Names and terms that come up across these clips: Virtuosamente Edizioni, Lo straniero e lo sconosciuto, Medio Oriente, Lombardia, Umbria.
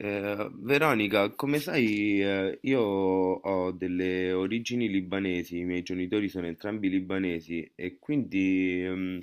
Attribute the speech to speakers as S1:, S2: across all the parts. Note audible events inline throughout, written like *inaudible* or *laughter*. S1: Veronica, come sai, io ho delle origini libanesi, i miei genitori sono entrambi libanesi e quindi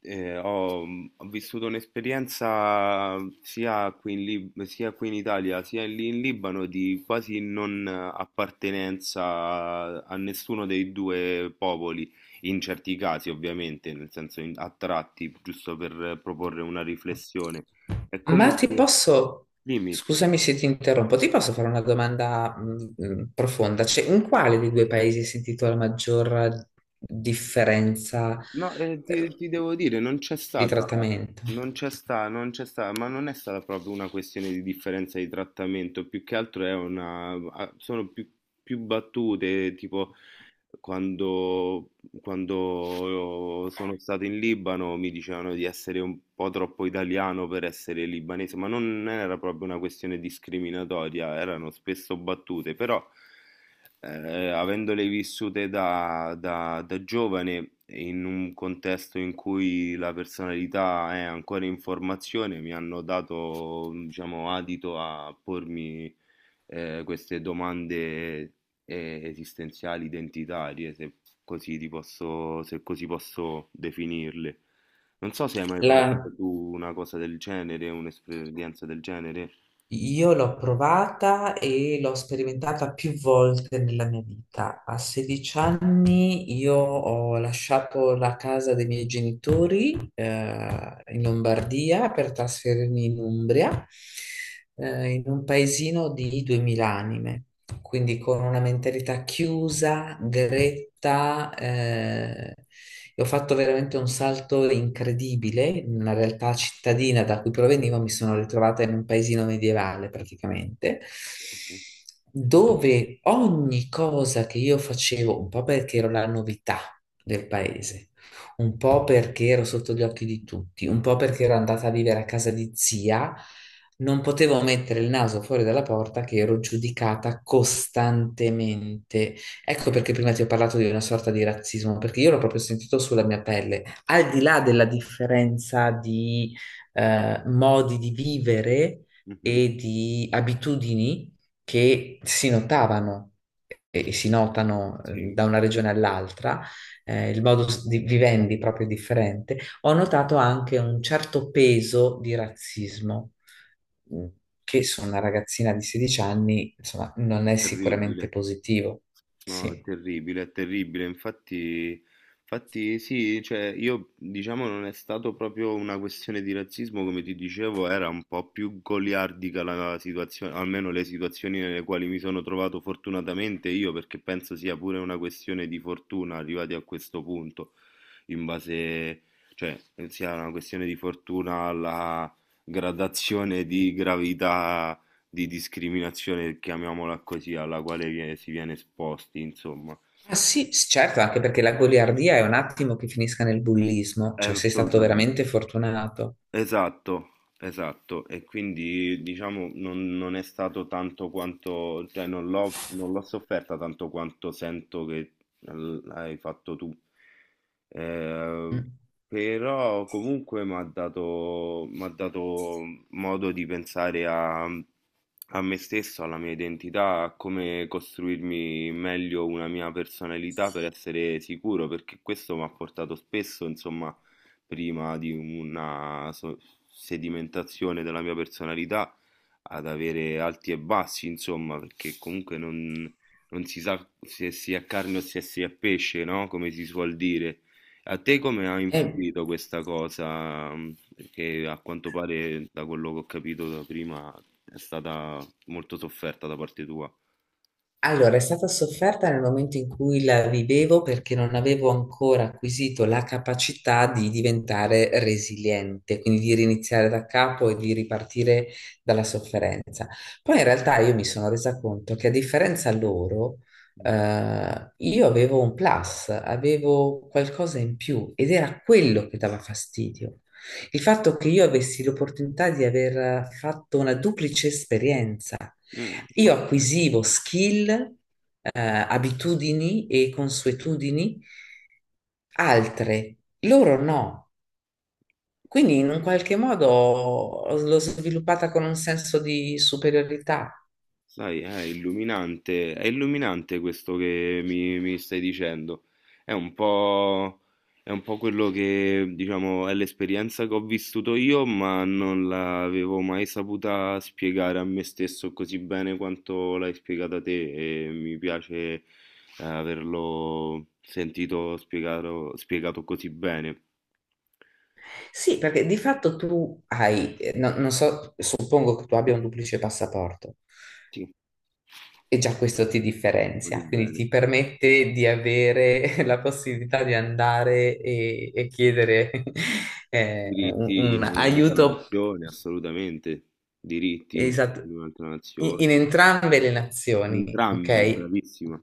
S1: eh, ho, ho vissuto un'esperienza sia qui in sia qui in Italia sia lì in Libano di quasi non appartenenza a nessuno dei due popoli, in certi casi ovviamente, nel senso a tratti, giusto per proporre una riflessione. È come
S2: Ma ti
S1: se...
S2: posso,
S1: Dimmi.
S2: scusami se ti interrompo, ti posso fare una domanda profonda? Cioè, in quale dei due paesi hai sentito la maggior differenza
S1: No,
S2: eh,
S1: ti devo dire, non c'è
S2: di
S1: stata,
S2: trattamento?
S1: non c'è sta, non c'è sta, ma non è stata proprio una questione di differenza di trattamento, più che altro è una, ah, sono più, più battute, tipo Quando, quando sono stato in Libano mi dicevano di essere un po' troppo italiano per essere libanese, ma non era proprio una questione discriminatoria, erano spesso battute, però avendole vissute da giovane in un contesto in cui la personalità è ancora in formazione, mi hanno dato, diciamo, adito a pormi queste domande esistenziali, identitarie, se così, ti posso, se così posso definirle. Non so se hai mai
S2: La
S1: provato tu una cosa del genere, un'esperienza del genere.
S2: Io l'ho provata e l'ho sperimentata più volte nella mia vita. A 16 anni io ho lasciato la casa dei miei genitori in Lombardia per trasferirmi in Umbria, in un paesino di 2000 anime, quindi con una mentalità chiusa, gretta. E ho fatto veramente un salto incredibile. In una realtà cittadina, da cui provenivo, mi sono ritrovata in un paesino medievale praticamente, dove ogni cosa che io facevo, un po' perché ero la novità del paese, un po' perché ero sotto gli occhi di tutti, un po' perché ero andata a vivere a casa di zia, non potevo mettere il naso fuori dalla porta che ero giudicata costantemente. Ecco perché prima ti ho parlato di una sorta di razzismo, perché io l'ho proprio sentito sulla mia pelle. Al di là della differenza di modi di vivere
S1: Mhm.
S2: e di abitudini che si notavano e si notano,
S1: Sì,
S2: da una regione all'altra, il modo di vivendi proprio è differente. Ho notato anche un certo peso di razzismo, mh, che su una ragazzina di 16 anni, insomma, non
S1: è
S2: è sicuramente
S1: terribile.
S2: positivo.
S1: No, è
S2: Sì.
S1: terribile, è terribile. Infatti, infatti sì, cioè io diciamo non è stato proprio una questione di razzismo, come ti dicevo, era un po' più goliardica la situazione, almeno le situazioni nelle quali mi sono trovato fortunatamente io, perché penso sia pure una questione di fortuna arrivati a questo punto in base, cioè sia una questione di fortuna alla gradazione di gravità di discriminazione, chiamiamola così, alla quale si viene esposti, insomma.
S2: Ah, sì, certo, anche perché la goliardia è un attimo che finisca nel bullismo, cioè sei stato
S1: Assolutamente.
S2: veramente fortunato.
S1: Esatto, esatto, e quindi diciamo non è stato tanto quanto, cioè non l'ho sofferta tanto quanto sento che hai fatto tu. Eh,
S2: Mm.
S1: Però comunque m'ha dato modo di pensare a me stesso, alla mia identità, a come costruirmi meglio una mia personalità per essere sicuro, perché questo mi ha portato spesso, insomma prima di una sedimentazione della mia personalità ad avere alti e bassi, insomma, perché comunque non si sa se si è carne o se si è pesce, no? Come si suol dire. A te come ha
S2: Eh,
S1: influito questa cosa? Perché a quanto pare, da quello che ho capito da prima, è stata molto sofferta da parte tua.
S2: Allora, è stata sofferta nel momento in cui la vivevo, perché non avevo ancora acquisito la capacità di diventare resiliente, quindi di riniziare da capo e di ripartire dalla sofferenza. Poi in realtà io mi sono resa conto che, a differenza loro, io avevo un plus, avevo qualcosa in più, ed era quello che dava fastidio. Il fatto che io avessi l'opportunità di aver fatto una duplice esperienza.
S1: Mm,
S2: Io
S1: ok.
S2: acquisivo skill, abitudini e consuetudini altre, loro no. Quindi in un qualche modo l'ho sviluppata con un senso di superiorità.
S1: Sai, è illuminante questo che mi stai dicendo. È un po', è un po' quello che, diciamo, è l'esperienza che ho vissuto io, ma non l'avevo mai saputa spiegare a me stesso così bene quanto l'hai spiegata te e mi piace eh, averlo sentito spiegato così bene.
S2: Sì, perché di fatto tu hai, non so, suppongo che tu abbia un duplice passaporto.
S1: Sì,
S2: E già questo ti
S1: così
S2: differenzia, quindi
S1: bene.
S2: ti permette di avere *laughs* la possibilità di andare e chiedere *laughs* un,
S1: Diritti in
S2: un
S1: un'altra
S2: aiuto.
S1: nazione, assolutamente. Diritti in
S2: Esatto.
S1: In un'altra
S2: In
S1: nazione.
S2: entrambe le nazioni,
S1: Entrambe,
S2: ok?
S1: bravissima.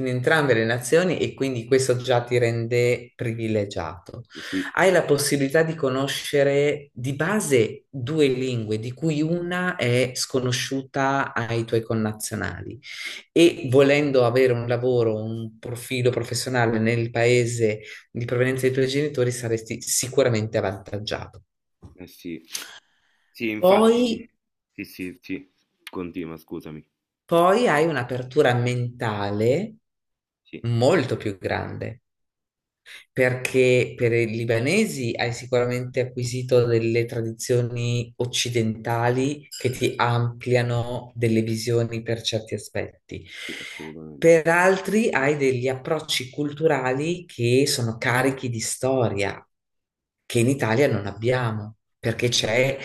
S2: In entrambe le nazioni, e quindi questo già ti rende privilegiato.
S1: Sì,
S2: Hai la possibilità di conoscere di base due lingue, di cui una è sconosciuta ai tuoi connazionali, e volendo avere un lavoro, un profilo professionale nel paese di provenienza dei tuoi genitori, saresti sicuramente avvantaggiato.
S1: eh sì. Sì,
S2: Poi,
S1: infatti. Sì, sì, sì. Continua, scusami.
S2: poi hai un'apertura mentale
S1: Sì,
S2: molto più grande. Perché per i libanesi hai sicuramente acquisito delle tradizioni occidentali che ti ampliano delle visioni per certi aspetti.
S1: sì, assolutamente.
S2: Per altri hai degli approcci culturali che sono carichi di storia, che in Italia non abbiamo, perché c'è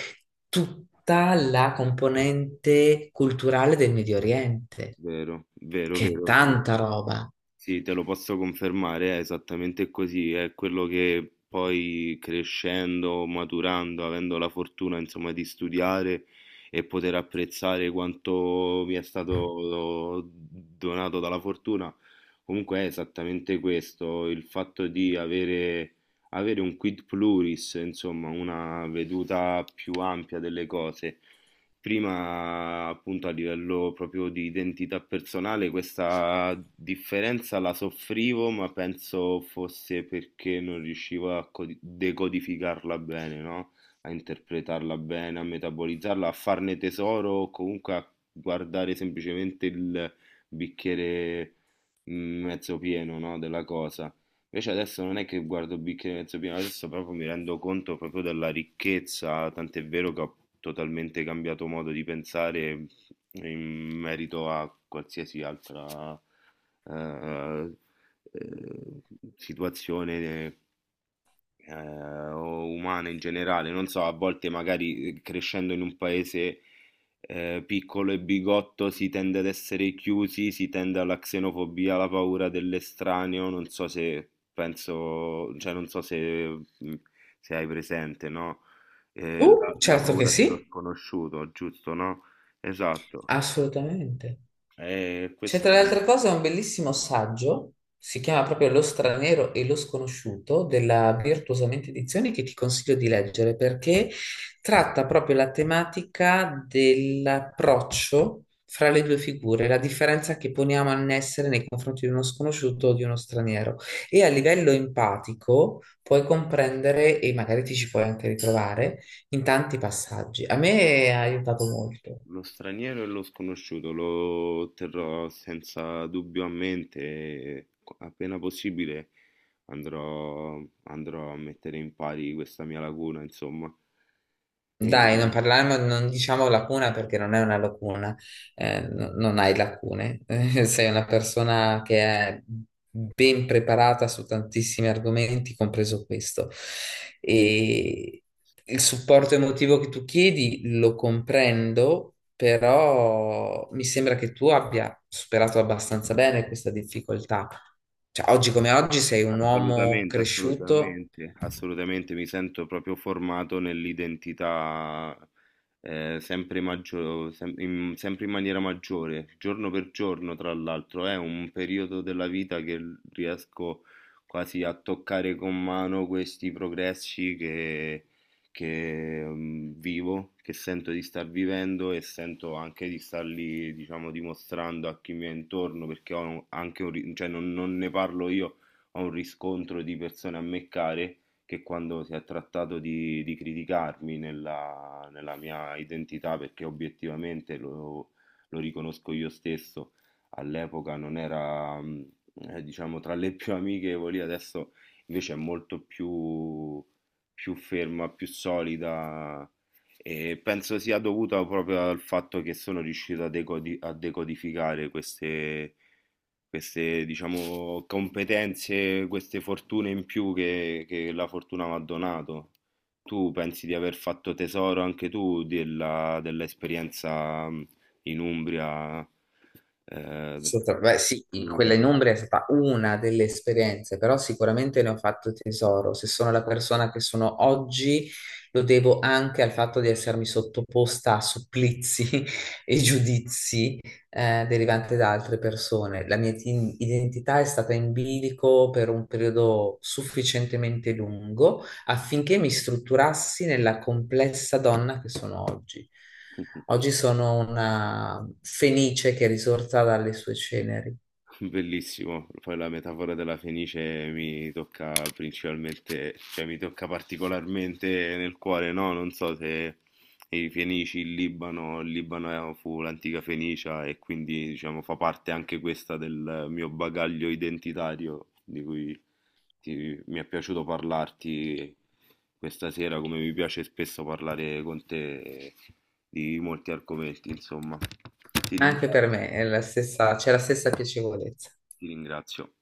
S2: tutta la componente culturale del Medio Oriente,
S1: Vero, vero,
S2: che è
S1: vero, vero.
S2: tanta roba.
S1: Sì, te lo posso confermare, è esattamente così, è quello che poi crescendo, maturando, avendo la fortuna insomma di studiare e poter apprezzare quanto mi è stato donato dalla fortuna, comunque è esattamente questo, il fatto di avere un quid pluris, insomma una veduta più ampia delle cose. Prima, appunto, a livello proprio di identità personale, questa differenza la soffrivo, ma penso fosse perché non riuscivo a decodificarla bene, no? A interpretarla bene, a metabolizzarla, a farne tesoro, o comunque a guardare semplicemente il bicchiere mezzo pieno, no? Della cosa. Invece adesso non è che guardo il bicchiere mezzo pieno, adesso proprio mi rendo conto proprio della ricchezza, tant'è vero che ho totalmente cambiato modo di pensare in merito a qualsiasi altra eh, eh, situazione o umane in generale. Non so, a volte magari crescendo in un paese piccolo e bigotto si tende ad essere chiusi, si tende alla xenofobia, alla paura dell'estraneo. Non so se penso, cioè non so se, mm, se hai presente, no? La
S2: Certo che
S1: paura dello
S2: sì,
S1: sconosciuto, giusto, no? Esatto.
S2: assolutamente. C'è,
S1: Questa
S2: tra le altre cose, un bellissimo saggio, si chiama proprio Lo Straniero e lo Sconosciuto, della Virtuosamente Edizioni, che ti consiglio di leggere, perché tratta proprio la tematica dell'approccio fra le due figure, la differenza che poniamo a essere nei confronti di uno sconosciuto o di uno straniero. E a livello empatico puoi comprendere, e magari ti ci puoi anche ritrovare, in tanti passaggi. A me ha aiutato molto.
S1: Lo straniero e lo sconosciuto lo terrò senza dubbio a mente e appena possibile andrò, andrò a mettere in pari questa mia lacuna, insomma. E,
S2: Dai, non parliamo, non diciamo lacuna, perché non è una lacuna, non hai lacune, *laughs* sei una persona che è ben preparata su tantissimi argomenti, compreso questo. E il supporto emotivo che tu chiedi lo comprendo, però mi sembra che tu abbia superato abbastanza bene questa difficoltà. Cioè, oggi come oggi sei un uomo
S1: Assolutamente,
S2: cresciuto.
S1: assolutamente, assolutamente mi sento proprio formato nell'identità sempre in maniera maggiore, giorno per giorno, tra l'altro, è un periodo della vita che riesco quasi a toccare con mano questi progressi vivo, che sento di star vivendo e sento anche di starli, diciamo, dimostrando a chi mi è intorno, perché ho anche cioè non ne parlo io, ho un riscontro di persone a me care che quando si è trattato di criticarmi nella mia identità, perché obiettivamente lo riconosco io stesso, all'epoca non era, diciamo, tra le più amichevoli, adesso invece è più ferma, più solida. E penso sia dovuta proprio al fatto che sono riuscito a decodificare queste, diciamo, competenze, queste fortune in più che la fortuna mi ha donato. Tu pensi di aver fatto tesoro anche tu dell'esperienza in Umbria, eh,
S2: Assolutamente. Beh, sì,
S1: di cui
S2: quella in
S1: parlavi?
S2: Umbria è stata una delle esperienze, però sicuramente ne ho fatto tesoro. Se sono la persona che sono oggi, lo devo anche al fatto di essermi sottoposta a supplizi *laughs* e giudizi derivanti da altre persone. La mia identità è stata in bilico per un periodo sufficientemente lungo affinché mi strutturassi nella complessa donna che sono oggi. Oggi
S1: *laughs*
S2: sono una fenice che è risorta dalle sue ceneri.
S1: Bellissimo, poi la metafora della fenice mi tocca principalmente, cioè mi tocca particolarmente nel cuore, no? Non so se i Fenici, il Libano, il fu l'antica Fenicia e quindi diciamo fa parte anche questa del mio bagaglio identitario di cui mi è piaciuto parlarti questa sera, come mi piace spesso parlare con te di molti argomenti, insomma. Ti
S2: Anche
S1: ringrazio,
S2: per me è la stessa, c'è la stessa piacevolezza.
S1: ti ringrazio.